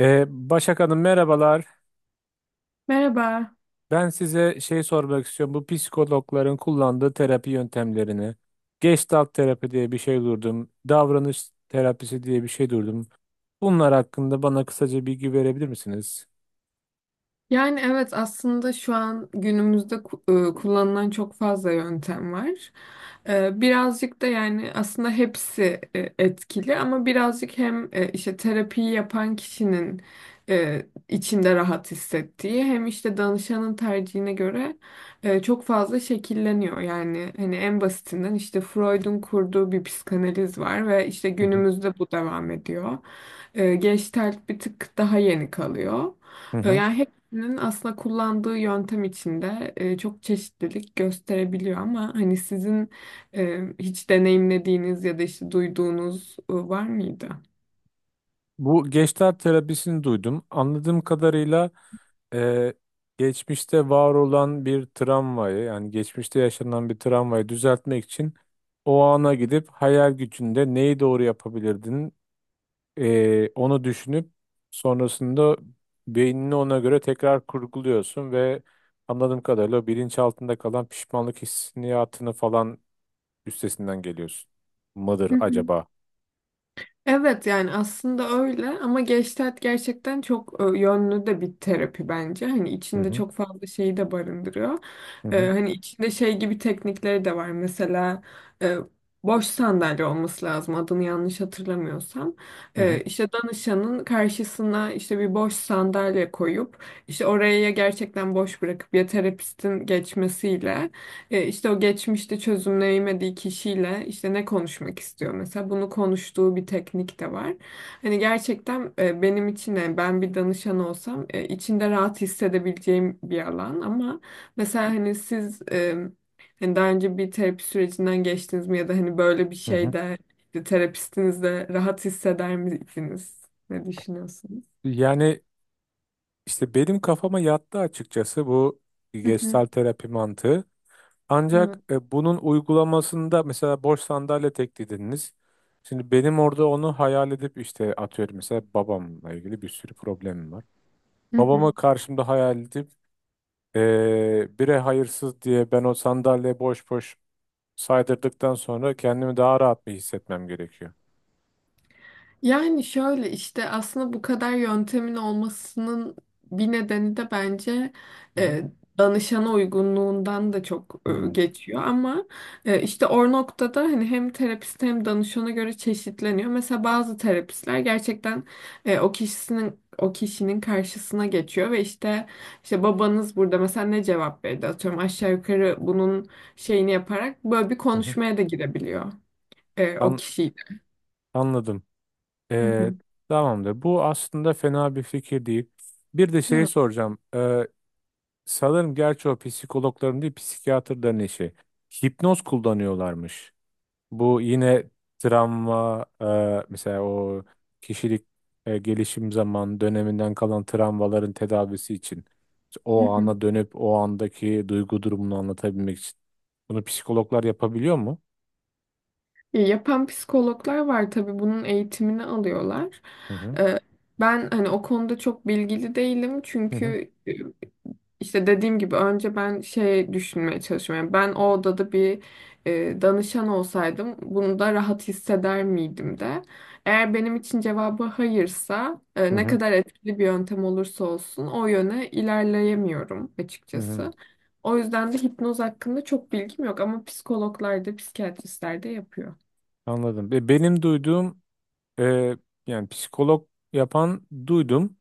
Ee, Başak Hanım, merhabalar. Merhaba. Ben size şey sormak istiyorum. Bu psikologların kullandığı terapi yöntemlerini. Gestalt terapi diye bir şey duydum. Davranış terapisi diye bir şey duydum. Bunlar hakkında bana kısaca bilgi verebilir misiniz? Yani evet aslında şu an günümüzde kullanılan çok fazla yöntem var. Birazcık da yani aslında hepsi etkili ama birazcık hem işte terapiyi yapan kişinin içinde rahat hissettiği hem işte danışanın tercihine göre çok fazla şekilleniyor. Yani hani en basitinden işte Freud'un kurduğu bir psikanaliz var ve işte Hı hı. günümüzde bu devam ediyor. Gestalt bir tık daha yeni kalıyor. Hı hı. Yani Nin aslında kullandığı yöntem içinde çok çeşitlilik gösterebiliyor ama hani sizin hiç deneyimlediğiniz ya da işte duyduğunuz var mıydı? Bu Gestalt terapisini duydum. Anladığım kadarıyla e, geçmişte var olan bir travmayı, yani geçmişte yaşanan bir travmayı düzeltmek için o ana gidip hayal gücünde neyi doğru yapabilirdin? Onu düşünüp sonrasında beynini ona göre tekrar kurguluyorsun ve anladığım kadarıyla o bilinç altında kalan pişmanlık hissiyatını falan üstesinden geliyorsun. Mıdır Hı hı. acaba? Evet yani aslında öyle ama Gestalt gerçekten çok yönlü de bir terapi bence. Hani Hı içinde hı çok fazla şeyi de barındırıyor. hı hı Hani içinde şey gibi teknikleri de var. Mesela e, boş sandalye olması lazım adını yanlış hatırlamıyorsam. hı hı. İşte danışanın karşısına işte bir boş sandalye koyup işte oraya ya gerçekten boş bırakıp ya terapistin geçmesiyle işte o geçmişte çözümleyemediği kişiyle işte ne konuşmak istiyor mesela bunu konuştuğu bir teknik de var. Hani gerçekten benim için yani ben bir danışan olsam içinde rahat hissedebileceğim bir alan ama mesela hani siz hani daha önce bir terapi sürecinden geçtiniz mi ya da hani böyle bir Hı hı. şeyde işte terapistinizle rahat hisseder miydiniz? Ne düşünüyorsunuz? Yani işte benim kafama yattı açıkçası bu Hı hı. gestalt terapi mantığı. Ancak bunun uygulamasında mesela boş sandalye teklidiniz. Şimdi benim orada onu hayal edip işte atıyorum mesela babamla ilgili bir sürü problemim var. Babama Evet. karşımda hayal edip bire hayırsız diye ben o sandalye boş boş saydırdıktan sonra kendimi daha rahat bir hissetmem gerekiyor. Yani şöyle işte aslında bu kadar yöntemin olmasının bir nedeni de bence Hı hı. e, danışana uygunluğundan da çok Hmm. geçiyor ama işte o noktada hani hem terapist hem danışana göre çeşitleniyor. Mesela bazı terapistler gerçekten o kişinin karşısına geçiyor ve işte babanız burada mesela ne cevap verdi atıyorum aşağı yukarı bunun şeyini yaparak böyle bir Hı hı. konuşmaya da girebiliyor o An kişiyle. anladım. Hı Ee, hı. tamamdır. Bu aslında fena bir fikir değil. Bir de şeyi Evet. soracağım. Sanırım gerçi o psikologların değil psikiyatrların işi. Hipnoz kullanıyorlarmış. Bu yine travma mesela o kişilik gelişim zaman döneminden kalan travmaların tedavisi için İşte o ana dönüp o andaki duygu durumunu anlatabilmek için. Bunu psikologlar yapabiliyor mu? Yapan psikologlar var tabii bunun eğitimini alıyorlar. Hı hı. Ee, Ben hani o konuda çok bilgili değilim Hı hı. çünkü işte dediğim gibi önce ben şey düşünmeye çalışıyorum. Yani ben o odada bir danışan olsaydım bunu da rahat hisseder miydim de. Eğer benim için cevabı hayırsa Hı ne hı. kadar etkili bir yöntem olursa olsun o yöne ilerleyemiyorum Hı hı. açıkçası. O yüzden de hipnoz hakkında çok bilgim yok ama psikologlar da psikiyatristler de yapıyor. Anladım. Ve benim duyduğum, e, yani psikolog yapan duydum.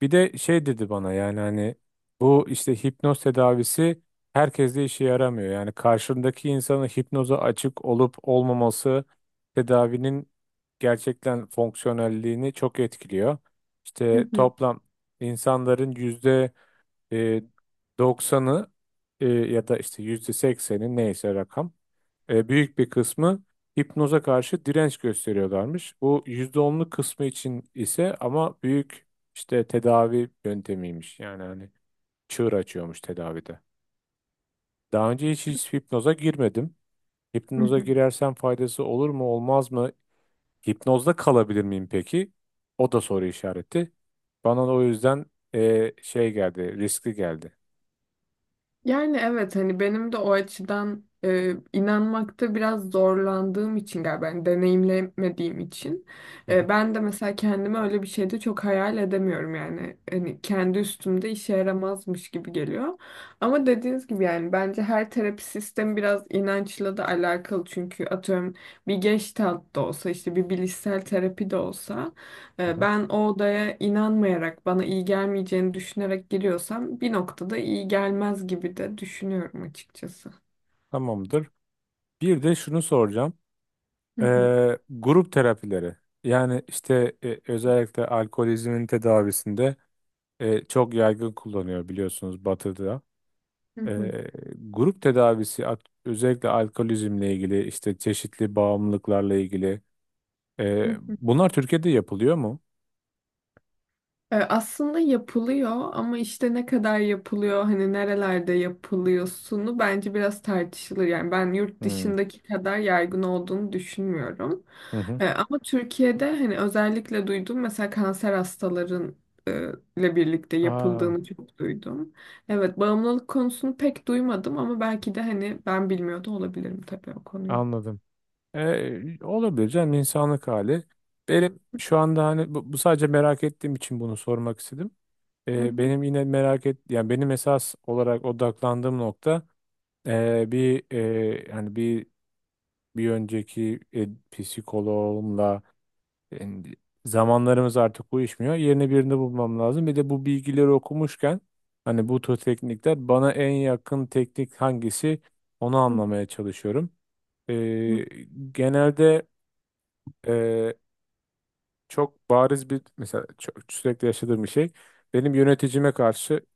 Bir de şey dedi bana, yani hani bu işte hipnoz tedavisi herkeste işe yaramıyor. Yani karşındaki insanın hipnoza açık olup olmaması tedavinin gerçekten fonksiyonelliğini çok etkiliyor. Hı İşte hı. toplam insanların e, 90'ı ya da işte %80'i neyse rakam, büyük bir kısmı hipnoza karşı direnç gösteriyorlarmış. Bu %10'luk kısmı için ise ama büyük işte tedavi yöntemiymiş. Yani hani çığır açıyormuş tedavide. Daha önce hiç, hiç hipnoza girmedim. Hı Hipnoza hı. girersem faydası olur mu olmaz mı? Hipnozda kalabilir miyim peki? O da soru işareti. Bana da o yüzden şey geldi, riskli geldi. Yani evet hani benim de o açıdan inanmakta biraz zorlandığım için galiba ben deneyimlemediğim için. Hı hı. Ben de mesela kendimi öyle bir şeyde çok hayal edemiyorum yani hani kendi üstümde işe yaramazmış gibi geliyor. Ama dediğiniz gibi yani bence her terapi sistemi biraz inançla da alakalı çünkü atıyorum bir Gestalt da olsa işte bir bilişsel terapi de olsa Hı e, hı. Ben o odaya inanmayarak, bana iyi gelmeyeceğini düşünerek giriyorsam bir noktada iyi gelmez gibi de düşünüyorum açıkçası. Tamamdır. Bir de şunu soracağım. Hı hı, Grup terapileri. Yani işte özellikle alkolizmin tedavisinde çok yaygın kullanıyor biliyorsunuz Batı'da. hı hı, Ee, grup tedavisi özellikle alkolizmle ilgili işte çeşitli bağımlılıklarla ilgili. Hı. Bunlar Türkiye'de yapılıyor mu? Aslında yapılıyor ama işte ne kadar yapılıyor hani nerelerde yapılıyorsunu bence biraz tartışılır. Yani ben yurt Hmm. dışındaki kadar yaygın olduğunu düşünmüyorum. Hı hı. Ama Türkiye'de hani özellikle duydum mesela kanser hastaların e, ile birlikte Aa, yapıldığını çok duydum. Evet bağımlılık konusunu pek duymadım ama belki de hani ben bilmiyor da olabilirim tabii o konuyu. anladım. E, olabilir canım, insanlık hali. Benim şu anda hani bu sadece merak ettiğim için bunu sormak istedim. Hı E, hı, benim yine merak et, yani benim esas olarak odaklandığım nokta yani bir önceki psikoloğumla e, zamanlarımız artık uyuşmuyor. Yerine birini bulmam lazım. Bir de bu bilgileri okumuşken hani bu tür teknikler bana en yakın teknik hangisi, onu anlamaya çalışıyorum. hı hı, E, genelde e, çok bariz bir, mesela sürekli yaşadığım bir şey. Benim yöneticime karşı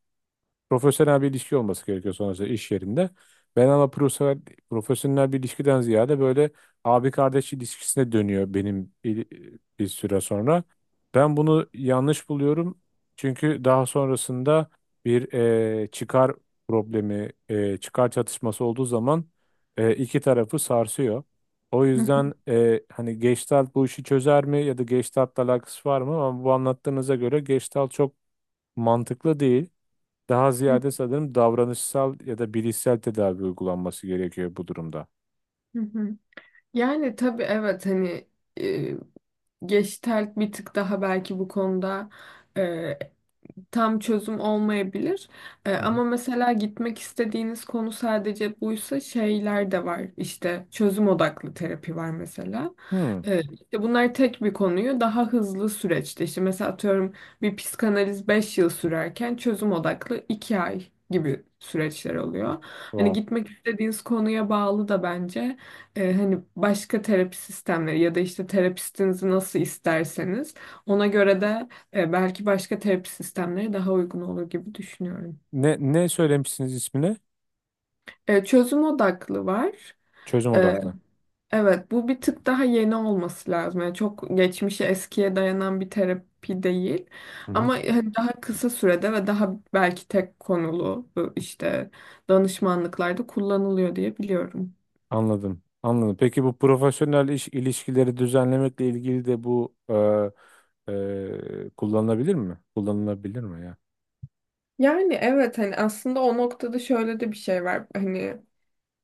profesyonel bir ilişki olması gerekiyor sonrasında iş yerinde. Ben ama profesyonel bir ilişkiden ziyade böyle abi kardeş ilişkisine dönüyor benim bir süre sonra. Ben bunu yanlış buluyorum. Çünkü daha sonrasında bir çıkar problemi, çıkar çatışması olduğu zaman iki tarafı sarsıyor. O hı hı, yüzden hani Gestalt bu işi çözer mi ya da Gestalt'la alakası var mı? Ama bu anlattığınıza göre Gestalt çok mantıklı değil. Daha hı hı, ziyade sanırım davranışsal ya da bilişsel tedavi uygulanması gerekiyor bu durumda. hı hı. Yani tabii evet hani Gestalt bir tık daha belki bu konuda e, tam çözüm olmayabilir. E, Hı hı. ama mesela gitmek istediğiniz konu sadece buysa şeyler de var. İşte çözüm odaklı terapi var mesela. Hmm. Evet, işte bunlar tek bir konuyu daha hızlı süreçte işte mesela atıyorum bir psikanaliz 5 yıl sürerken çözüm odaklı 2 ay gibi süreçler Oh. oluyor. Hani Wow. gitmek istediğiniz konuya bağlı da bence hani başka terapi sistemleri ya da işte terapistinizi nasıl isterseniz ona göre de belki başka terapi sistemleri daha uygun olur gibi düşünüyorum. Ne, ne söylemişsiniz ismine? Çözüm odaklı var. Çözüm E, odaklı. Evet, bu bir tık daha yeni olması lazım. Yani çok geçmişe, eskiye dayanan bir terapi değil. Hı hı. Ama hani daha kısa sürede ve daha belki tek konulu bu işte danışmanlıklarda kullanılıyor diye biliyorum. Anladım. Anladım. Peki bu profesyonel iş ilişkileri düzenlemekle ilgili de bu kullanılabilir mi? Kullanılabilir mi ya? Yani evet hani aslında o noktada şöyle de bir şey var. Hani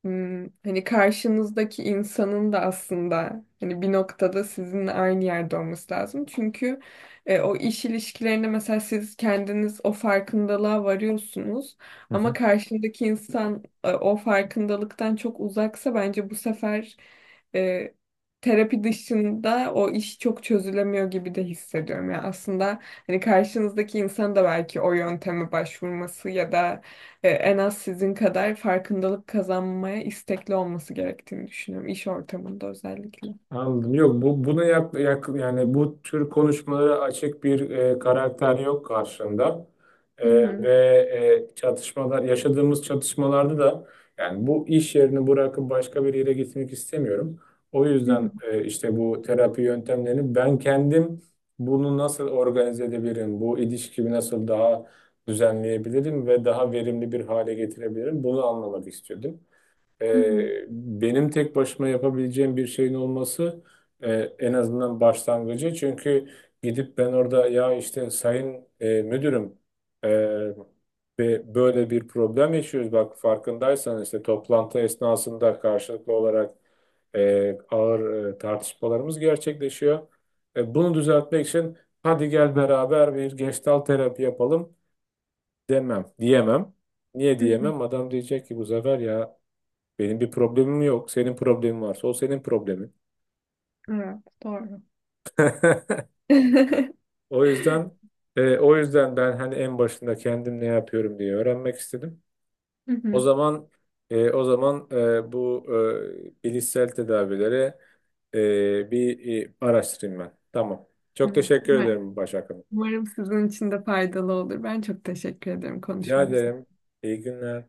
Hmm, hani karşınızdaki insanın da aslında hani bir noktada sizinle aynı yerde olması lazım. Çünkü o iş ilişkilerinde mesela siz kendiniz o farkındalığa varıyorsunuz ama karşındaki insan o farkındalıktan çok uzaksa bence bu sefer e, terapi dışında o iş çok çözülemiyor gibi de hissediyorum. Yani aslında hani karşınızdaki insan da belki o yönteme başvurması ya da en az sizin kadar farkındalık kazanmaya istekli olması gerektiğini düşünüyorum. İş ortamında özellikle. Anladım. Yok bu bunu yani bu tür konuşmalara açık bir karakter yok karşında. E, Hı hı, ve çatışmalar yaşadığımız çatışmalarda da yani bu iş yerini bırakıp başka bir yere gitmek istemiyorum. O hı hı, yüzden işte bu terapi yöntemlerini ben kendim, bunu nasıl organize edebilirim? Bu ilişkimi nasıl daha düzenleyebilirim ve daha verimli bir hale getirebilirim? Bunu anlamak istiyordum. hı hı, Benim tek başıma yapabileceğim bir şeyin olması e, en azından başlangıcı. Çünkü gidip ben orada ya işte sayın müdürüm, e, ve böyle bir problem yaşıyoruz. Bak farkındaysan işte toplantı esnasında karşılıklı olarak ağır tartışmalarımız gerçekleşiyor. Bunu düzeltmek için hadi gel beraber bir gestalt terapi yapalım diyemem. Niye hı hı. diyemem? Adam diyecek ki bu sefer, ya benim bir problemim yok. Senin problemin varsa o senin problemin. Evet, doğru. O yüzden ben hani en başında kendim ne yapıyorum diye öğrenmek istedim. Hı O hı, zaman e, o zaman e, bu bilişsel tedavileri araştırayım ben. Tamam. Çok hı. teşekkür Umarım, ederim, Başak Hanım. umarım sizin için de faydalı olur. Ben çok teşekkür ederim Rica konuşmamız ederim. İyi günler.